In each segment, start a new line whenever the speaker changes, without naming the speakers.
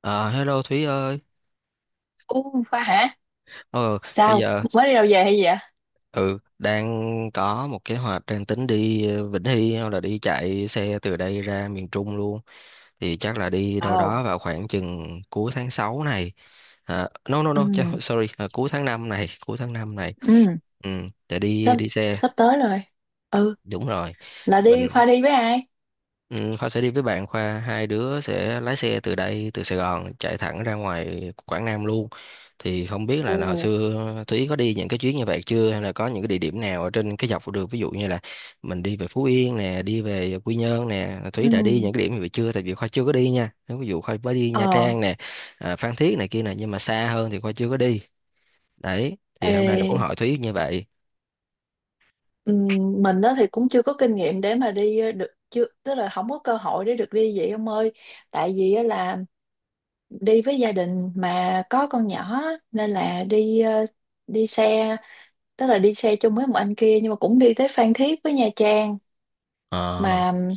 Ờ, Hello Thúy ơi.
Ồ, Khoa hả?
Ờ, bây
Sao?
giờ
Mới đi đâu về hay gì vậy?
ừ đang có một kế hoạch đang tính đi Vĩnh Hy hoặc là đi chạy xe từ đây ra miền Trung luôn. Thì chắc là đi đâu
Ồ,
đó vào khoảng chừng cuối tháng 6 này. À, no no
ừ,
no, sorry, à, cuối tháng 5 này, cuối tháng 5 này.
ừ,
Ừ, để đi
sắp,
đi xe.
sắp tới rồi. Ừ,
Đúng rồi.
là đi,
Mình
Khoa đi với ai?
Ừ, Khoa sẽ đi với bạn Khoa, hai đứa sẽ lái xe từ đây từ Sài Gòn chạy thẳng ra ngoài Quảng Nam luôn, thì không biết là hồi
Ồ,
xưa Thúy có đi những cái chuyến như vậy chưa, hay là có những cái địa điểm nào ở trên cái dọc đường, ví dụ như là mình đi về Phú Yên nè, đi về Quy Nhơn nè. Thúy
ừ,
đã đi những cái điểm như vậy chưa? Tại vì Khoa chưa có đi nha. Nếu ví dụ Khoa mới đi Nha
ờ,
Trang nè, Phan Thiết này kia nè, nhưng mà xa hơn thì Khoa chưa có đi. Đấy thì
ê,
hôm nay là muốn hỏi Thúy như vậy.
ừ, mình đó thì cũng chưa có kinh nghiệm để mà đi được, chưa, tức là không có cơ hội để được đi vậy ông ơi. Tại vì á là đi với gia đình mà có con nhỏ á, nên là đi xe, tức là đi xe chung với một anh kia nhưng mà cũng đi tới Phan Thiết với Nha Trang
Ờ,
mà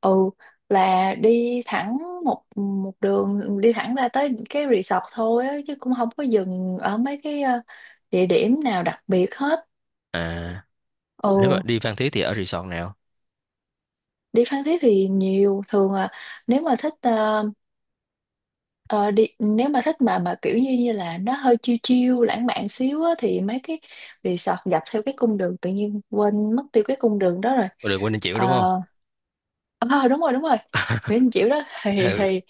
ừ là đi thẳng một một đường đi thẳng ra tới cái resort thôi á, chứ cũng không có dừng ở mấy cái địa điểm nào đặc biệt hết.
à, nếu mà
Ừ,
đi Phan Thiết thì ở resort nào?
đi Phan Thiết thì nhiều, thường là nếu mà thích ờ, đi, nếu mà thích mà kiểu như như là nó hơi chill chill lãng mạn xíu á, thì mấy cái resort dọc theo cái cung đường, tự nhiên quên mất tiêu cái cung đường đó rồi.
Đường Quỳnh Anh chịu đúng không?
Ờ. Ờ, đúng rồi, đúng rồi. Nguyễn Anh Chiểu đó thì
Ừ,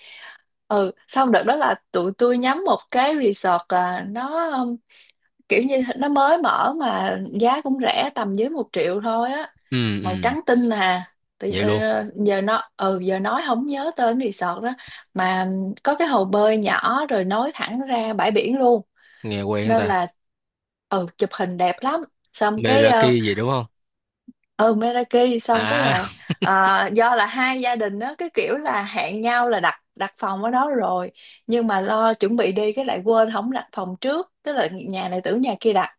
ừ, xong đợt đó là tụi tôi nhắm một cái resort, nó kiểu như nó mới mở mà giá cũng rẻ, tầm dưới 1 triệu thôi á,
ừ,
màu
ừ,
trắng tinh à. Tự-
vậy
ờ,
luôn.
giờ nó ừ giờ nói không nhớ tên resort đó, mà có cái hồ bơi nhỏ rồi nối thẳng ra bãi biển luôn
Nghe quen
nên
ta.
là ừ chụp hình đẹp lắm. Xong cái
Meraki gì đúng không?
ừ, Meraki. Xong cái là
À,
do là hai gia đình đó cái kiểu là hẹn nhau là đặt đặt phòng ở đó rồi, nhưng mà lo chuẩn bị đi cái lại quên không đặt phòng trước, tức là nhà này tưởng nhà kia đặt,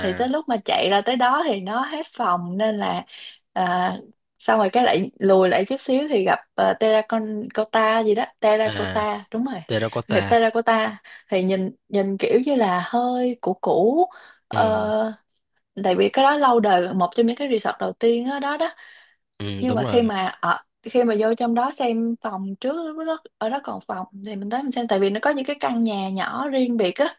thì tới lúc mà chạy ra tới đó thì nó hết phòng, nên là à, xong rồi cái lại lùi lại chút xíu thì gặp terracotta gì đó,
à,
terracotta đúng rồi. Thì
terracotta.
terracotta thì nhìn nhìn kiểu như là hơi cũ cũ
Ừ,
ờ, tại vì cái đó lâu đời, là một trong những cái resort đầu tiên đó, đó đó.
ừ,
Nhưng
đúng
mà khi
rồi.
mà ở, khi mà vô trong đó xem phòng trước, lúc đó ở đó còn phòng thì mình tới mình xem, tại vì nó có những cái căn nhà nhỏ riêng biệt á,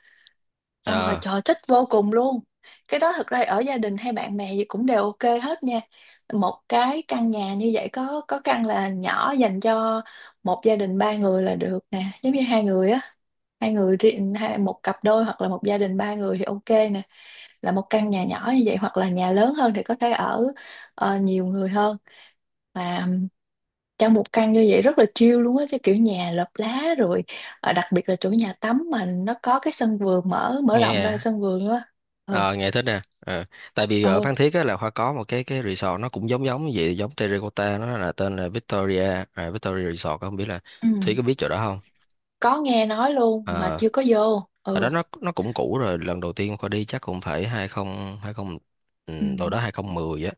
xong rồi
ờ
trời thích vô cùng luôn. Cái đó thực ra ở gia đình hay bạn bè gì cũng đều ok hết nha. Một cái căn nhà như vậy có căn là nhỏ, dành cho một gia đình ba người là được nè, giống như hai người á, hai người riêng, hai, một cặp đôi hoặc là một gia đình ba người thì ok nè, là một căn nhà nhỏ như vậy, hoặc là nhà lớn hơn thì có thể ở nhiều người hơn. Và trong một căn như vậy rất là chill luôn á, cái kiểu nhà lợp lá rồi đặc biệt là chỗ nhà tắm mà nó có cái sân vườn, mở mở rộng ra
nghe
sân vườn á. Ừ.
ờ nghe thích nè. Ờ Tại vì ở
Ừ.
Phan Thiết á là Khoa có một cái resort, nó cũng giống giống như vậy, giống terracotta, nó là tên là Victoria, Victoria Resort, không biết là
Ừ.
Thúy có biết chỗ đó không.
Có nghe nói luôn mà
ờ
chưa có vô.
Ở
Ừ.
đó nó cũng cũ rồi. Lần đầu tiên Khoa đi chắc cũng phải 2020.
Ừ.
Đâu đó 2010.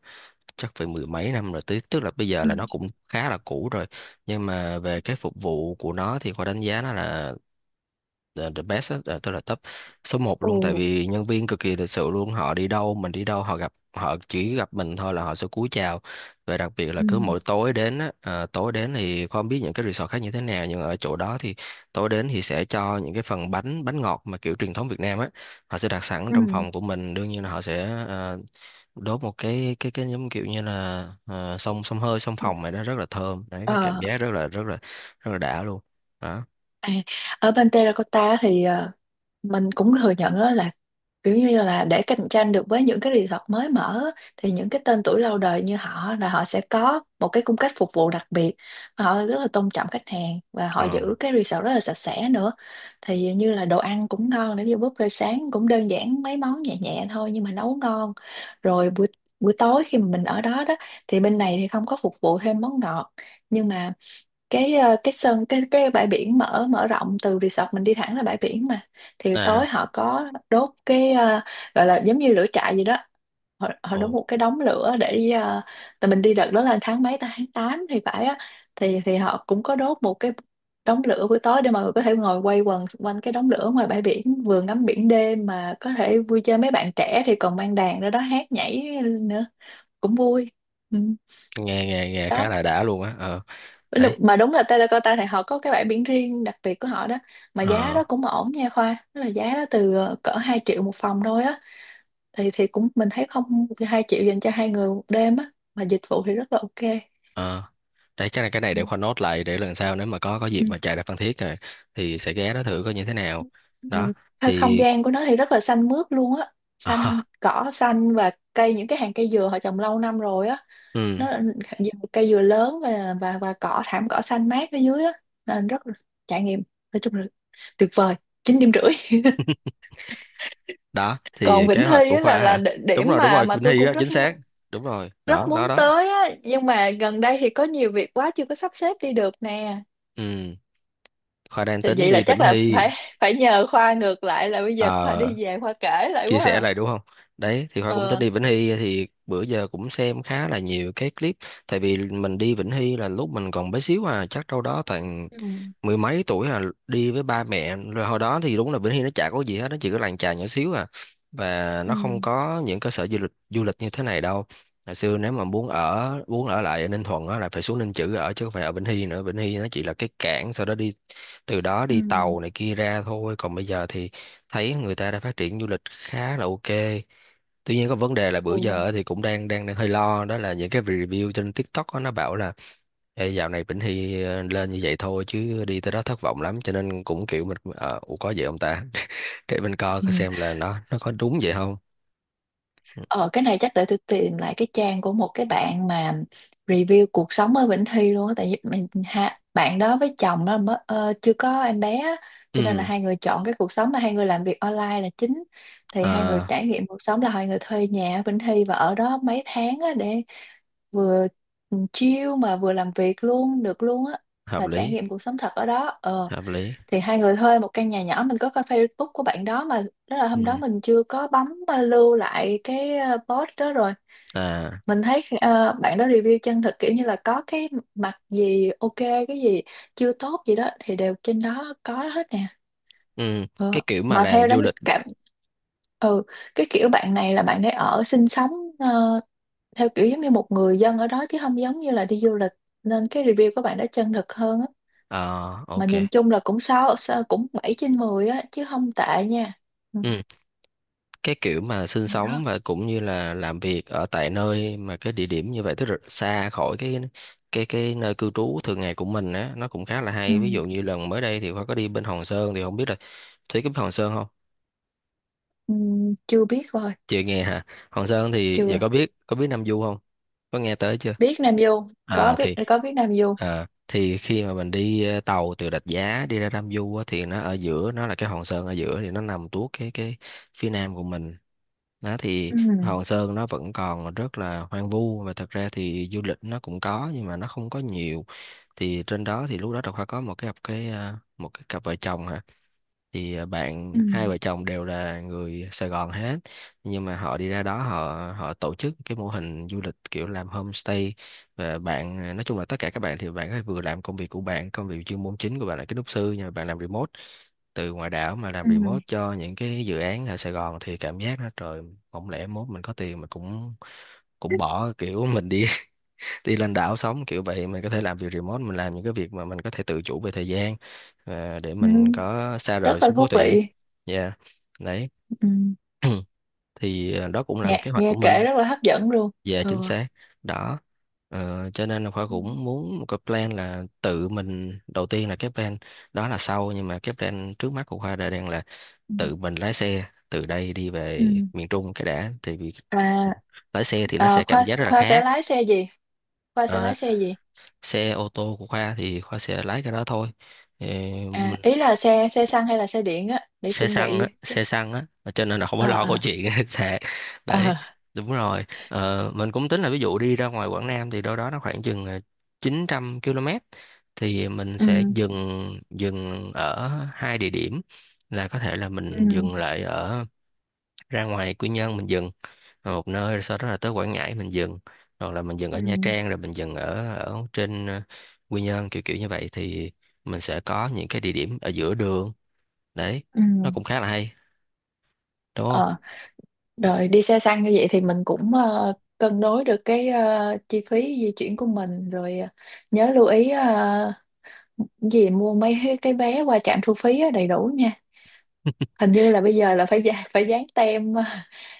Chắc phải mười mấy năm rồi, tức tức là bây giờ
Ừ.
là nó cũng khá là cũ rồi. Nhưng mà về cái phục vụ của nó thì Khoa đánh giá nó là the best á, à, tức là top số một
Ừ.
luôn. Tại vì nhân viên cực kỳ lịch sự luôn, họ đi đâu mình đi đâu, họ chỉ gặp mình thôi là họ sẽ cúi chào. Và đặc biệt là cứ mỗi tối đến thì không biết những cái resort khác như thế nào, nhưng ở chỗ đó thì tối đến thì sẽ cho những cái phần bánh bánh ngọt mà kiểu truyền thống Việt Nam á. Họ sẽ đặt sẵn trong
Ừ.
phòng của mình, đương nhiên là họ sẽ đốt một cái giống kiểu như là xông xông hơi xông
Ừ.
phòng này đó, rất là thơm. Đấy, cái cảm
Ờ.
giác rất là đã luôn. Đó.
À, ở bên Terracotta thì mình cũng thừa nhận đó là kiểu như là để cạnh tranh được với những cái resort mới mở á, thì những cái tên tuổi lâu đời như họ là họ sẽ có một cái cung cách phục vụ đặc biệt, họ rất là tôn trọng khách hàng và họ
Ừ.
giữ cái resort rất là sạch sẽ nữa. Thì như là đồ ăn cũng ngon, nếu như buffet sáng cũng đơn giản mấy món nhẹ nhẹ thôi nhưng mà nấu ngon. Rồi buổi buổi tối khi mà mình ở đó đó, thì bên này thì không có phục vụ thêm món ngọt, nhưng mà cái cái sân, cái bãi biển mở mở rộng, từ resort mình đi thẳng ra bãi biển mà, thì tối
À.
họ có đốt cái gọi là giống như lửa trại gì đó, họ, họ
Ồ,
đốt một cái đống lửa để tại mình đi đợt đó là tháng mấy ta, tháng 8 thì phải á, thì họ cũng có đốt một cái đống lửa buổi tối để mọi người có thể ngồi quay quần xung quanh cái đống lửa ngoài bãi biển, vừa ngắm biển đêm mà có thể vui chơi, mấy bạn trẻ thì còn mang đàn ra đó hát nhảy nữa, cũng vui. Ừ.
nghe nghe nghe
Đó.
khá là đã luôn á. Ờ
Đúng-
Đấy.
mà đúng là Terracotta thì họ có cái bãi biển riêng đặc biệt của họ đó, mà giá
ờ
đó cũng ổn nha Khoa, tức là giá đó từ cỡ 2 triệu một phòng thôi á, thì cũng mình thấy không, 2 triệu dành cho hai người một đêm á mà dịch vụ thì rất là ok.
ờ Đấy, chắc là cái này
Ừ.
để Khoa nốt lại, để lần sau nếu mà có dịp
Ừ.
mà chạy ra Phan Thiết rồi thì sẽ ghé đó thử coi như thế nào. Đó
Ừ. Thôi, không
thì.
gian của nó thì rất là xanh mướt luôn á, xanh
À,
cỏ xanh và cây, những cái hàng cây dừa họ trồng lâu năm rồi á,
ừ,
nó là cây dừa lớn, và và cỏ, thảm cỏ xanh mát ở dưới á, nên rất là trải nghiệm, nói chung là tuyệt vời, 9,5 điểm.
đó
Còn
thì kế
Vĩnh
hoạch
Hy
của
á là
Khoa hả?
địa-
Đúng
điểm
rồi, đúng
mà
rồi,
mà
Vĩnh
tôi
Hy đó
cũng
chính
rất
xác.
muốn,
Đúng rồi,
rất
đó đó
muốn
đó.
tới á, nhưng mà gần đây thì có nhiều việc quá chưa có sắp xếp đi được nè.
Ừ, Khoa đang
Thì
tính
vậy là
đi Vĩnh
chắc là
Hy.
phải phải nhờ Khoa ngược lại là bây giờ Khoa
Ờ,
đi về Khoa kể lại
chia
quá
sẻ
à.
lại đúng không? Đấy, thì Khoa cũng tính
Ờ.
đi Vĩnh Hy thì bữa giờ cũng xem khá là nhiều cái clip. Tại vì mình đi Vĩnh Hy là lúc mình còn bé xíu à, chắc đâu đó toàn
Ừ.
mười mấy tuổi à, đi với ba mẹ. Rồi hồi đó thì đúng là Vĩnh Hy nó chả có gì hết, nó chỉ có làng chài nhỏ xíu à. Và
Ừ.
nó không có những cơ sở du lịch như thế này đâu. Hồi xưa nếu mà muốn ở lại ở Ninh Thuận á là phải xuống Ninh Chữ ở, chứ không phải ở Vĩnh Hy nữa. Vĩnh Hy nó chỉ là cái cảng, sau đó đi từ đó đi
Ừ.
tàu này kia ra thôi, còn bây giờ thì thấy người ta đã phát triển du lịch khá là ok. Tuy nhiên có vấn đề là bữa giờ á thì cũng đang đang đang hơi lo, đó là những cái review trên TikTok á, nó bảo là: Ê, dạo này Vĩnh Hy lên như vậy thôi chứ đi tới đó thất vọng lắm, cho nên cũng kiểu mình ủa có vậy không ta? Để mình coi coi
Ừ.
xem là nó có đúng vậy không.
Ờ, cái này chắc để tôi tìm lại cái trang của một cái bạn mà review cuộc sống ở Vĩnh Thi luôn á, tại vì mình ha, bạn đó với chồng đó mới chưa có em bé á, cho nên là
Ừ.
hai người chọn cái cuộc sống mà hai người làm việc online là chính, thì hai người
ờ,
trải nghiệm cuộc sống là hai người thuê nhà ở Vĩnh Thi và ở đó mấy tháng á, để vừa chill mà vừa làm việc luôn được luôn á,
hợp
và trải
lý,
nghiệm cuộc sống thật ở đó ờ,
hợp lý.
thì hai người thuê một căn nhà nhỏ. Mình có coi Facebook của bạn đó mà, đó là hôm đó
Ừ.
mình chưa có bấm lưu lại cái post đó rồi.
À.
Mình thấy bạn đó review chân thực, kiểu như là có cái mặt gì ok, cái gì chưa tốt gì đó thì đều trên đó có hết nè.
Ừ. Cái
Ờ,
kiểu mà
mà theo
làm du
đánh
lịch.
cảm ừ, cái kiểu bạn này là bạn để ở sinh sống ờ, theo kiểu giống như một người dân ở đó chứ không giống như là đi du lịch, nên cái review của bạn đó chân thực hơn á,
Ờ
mà
ok.
nhìn chung là cũng sáu, sáu cũng 7/10 á, chứ không tệ nha. Ừ.
Ừ, cái kiểu mà sinh
Đó.
sống và cũng như là làm việc ở tại nơi mà cái địa điểm như vậy, tức là xa khỏi cái nơi cư trú thường ngày của mình á, nó cũng khá là
Ừ.
hay. Ví dụ như lần mới đây thì Khoa có đi bên Hòn Sơn, thì không biết là Thúy có biết Hòn Sơn không.
Ừ. Chưa biết rồi.
Chưa nghe hả? Hoàng Sơn thì giờ,
Chưa,
có biết Nam Du không? Có nghe tới chưa?
biết Nam Du,
À
biết
thì
có biết Nam Du.
thì khi mà mình đi tàu từ Rạch Giá đi ra Nam Du á, thì nó ở giữa, nó là cái Hòn Sơn ở giữa, thì nó nằm tuốt cái phía nam của mình. Đó thì
Ừ.
Hòn Sơn nó vẫn còn rất là hoang vu, và thật ra thì du lịch nó cũng có nhưng mà nó không có nhiều. Thì trên đó thì lúc đó Đào Khoa có một cái cặp vợ chồng hả? Thì à, bạn
Ừ.
hai vợ chồng đều là người Sài Gòn hết. Nhưng mà họ đi ra đó, họ họ tổ chức cái mô hình du lịch kiểu làm homestay. Và bạn à, nói chung là tất cả các bạn thì bạn có vừa làm công việc của bạn, công việc chuyên môn chính của bạn là kiến trúc sư, nhưng mà bạn làm remote từ ngoài đảo mà làm
Ừ.
remote cho những cái dự án ở Sài Gòn, thì cảm giác nó, trời, không lẽ mốt mình có tiền mà cũng cũng bỏ kiểu mình đi đi lên đảo sống kiểu vậy, mình có thể làm việc remote, mình làm những cái việc mà mình có thể tự chủ về thời gian, để
Ừ.
mình có xa rời
Rất là
xuống phố
thú
thị.
vị.
Yeah. Đấy.
Ừ.
Thì đó cũng là một
nghe
kế hoạch
nghe
của
kể
mình.
rất là hấp dẫn luôn.
Về chính
Ừ.
xác. Đó. Cho nên là Khoa
Ừ.
cũng muốn một cái plan, là tự mình đầu tiên là cái plan đó là sau, nhưng mà cái plan trước mắt của Khoa đã đang là
Ừ.
tự mình lái xe từ đây đi
Ừ.
về miền Trung cái đã, thì vì ừ,
À,
lái xe thì nó sẽ
Khoa
cảm giác rất là
Khoa sẽ
khác.
lái xe gì Khoa sẽ
Ờ,
lái xe gì
xe ô tô của Khoa thì Khoa sẽ lái cái đó thôi. Ờ,
à
mình
ý là xe xe xăng hay là xe điện á để
xe
chuẩn
xăng á,
bị cái.
xe xăng á, cho nên là không phải
Ờ.
lo câu
Ờ.
chuyện sạc. Đấy,
Ờ.
đúng rồi. Ờ, mình cũng tính là ví dụ đi ra ngoài Quảng Nam thì đâu đó nó khoảng chừng 900 km, thì mình
Ừ.
sẽ dừng dừng ở hai địa điểm. Là có thể là mình
Ừ.
dừng lại ở, ra ngoài Quy Nhơn mình dừng, rồi một nơi, rồi sau đó là tới Quảng Ngãi mình dừng, hoặc là mình dừng ở
Ừ.
Nha Trang, rồi mình dừng ở ở trên Quy Nhơn, kiểu kiểu như vậy. Thì mình sẽ có những cái địa điểm ở giữa đường, đấy,
Ừ.
nó cũng khá là hay, đúng
Ờ,
không?
rồi đi xe xăng như vậy thì mình cũng cân đối được cái chi phí di chuyển của mình rồi, nhớ lưu ý gì mua mấy cái vé qua trạm thu phí á, đầy đủ nha. Hình như là bây giờ là phải phải dán tem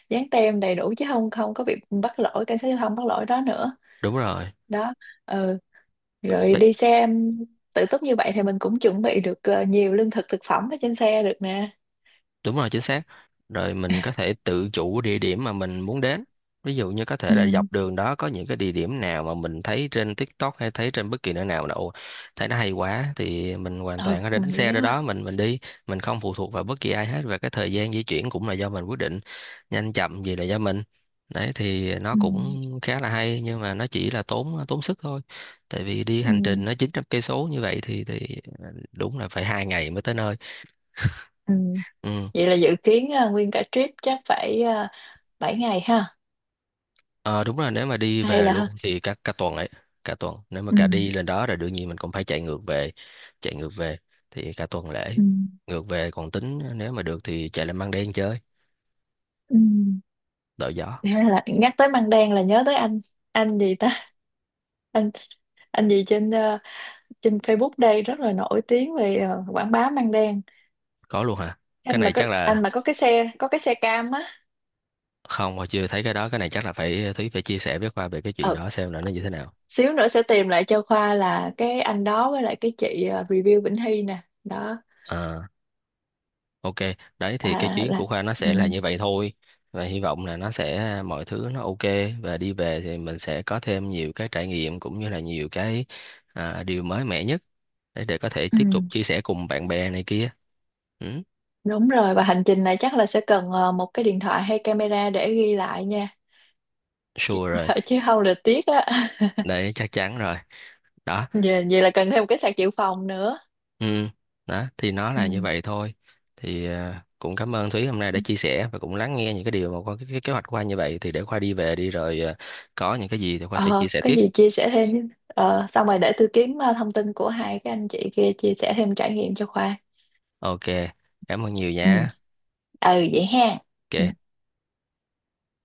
dán tem đầy đủ, chứ không không có bị bắt lỗi, cảnh sát giao thông bắt lỗi đó nữa.
Đúng rồi.
Đó. Ừ, rồi đi xe tự túc như vậy thì mình cũng chuẩn bị được nhiều lương thực thực phẩm ở trên xe được nè.
Đúng rồi, chính xác. Rồi mình có thể tự chủ địa điểm mà mình muốn đến. Ví dụ như có thể
Ừ.
là dọc đường đó có những cái địa điểm nào mà mình thấy trên TikTok hay thấy trên bất kỳ nơi nào đâu thấy nó hay quá thì mình hoàn
Ừ,
toàn có thể đánh
mình
xe
ghé
ra đó,
qua.
mình đi, mình không phụ thuộc vào bất kỳ ai hết và cái thời gian di chuyển cũng là do mình quyết định, nhanh chậm gì là do mình. Đấy thì nó
Ừ.
cũng khá là hay, nhưng mà nó chỉ là tốn tốn sức thôi. Tại vì đi
Ừ.
hành trình nó 900 cây số như vậy thì đúng là phải 2 ngày mới tới nơi.
Ừ.
Ừ.
Vậy là dự kiến nguyên cả trip chắc phải 7 ngày ha,
Ờ đúng rồi, nếu mà đi
hay
về
là
luôn thì cả cả tuần ấy. Cả tuần, nếu mà
ừ,
cả đi lên đó rồi đương nhiên mình cũng phải chạy ngược về, chạy ngược về thì cả tuần lễ.
ừ,
Ngược về còn tính nếu mà được thì chạy lên Măng Đen chơi
ừ.
đổi gió.
Hay là nhắc tới Măng Đen là nhớ tới anh, gì ta, anh, gì trên trên Facebook đây, rất là nổi tiếng về quảng bá Măng Đen.
Có luôn hả? Cái
Anh mà
này
có,
chắc
anh
là
mà có cái xe cam á.
không, mà chưa thấy cái đó, cái này chắc là phải Thúy phải chia sẻ với Khoa về cái chuyện
Ừ,
đó xem là nó như thế nào.
xíu nữa sẽ tìm lại cho Khoa là cái anh đó với lại cái chị review Vĩnh Hy nè đó,
Ờ. Ok, đấy thì cái
là
chuyến của Khoa nó
ừ,
sẽ là như vậy thôi, và hy vọng là nó sẽ mọi thứ nó ok, và đi về thì mình sẽ có thêm nhiều cái trải nghiệm cũng như là nhiều cái, à, điều mới mẻ nhất, để có thể
ừ.
tiếp tục chia sẻ cùng bạn bè này kia. Ừ,
Đúng rồi, và hành trình này chắc là sẽ cần một cái điện thoại hay camera để ghi lại nha.
sure rồi,
Dạ, chứ không là tiếc á
đấy chắc chắn rồi. Đó.
vậy là cần thêm một cái sạc dự phòng nữa.
Ừ, đó thì nó
Ừ.
là như vậy thôi. Thì à, cũng cảm ơn Thúy hôm nay đã chia sẻ và cũng lắng nghe những cái điều mà Khoa, cái kế hoạch của Khoa như vậy, thì để Khoa đi về đi rồi à, có những cái gì thì Khoa sẽ chia
Ờ,
sẻ
có
tiếp.
gì chia sẻ thêm xong rồi để tôi kiếm thông tin của hai cái anh chị kia chia sẻ thêm trải nghiệm cho Khoa,
Ok, cảm ơn nhiều
ừ,
nha.
ừ vậy ha. Ừ.
Ok,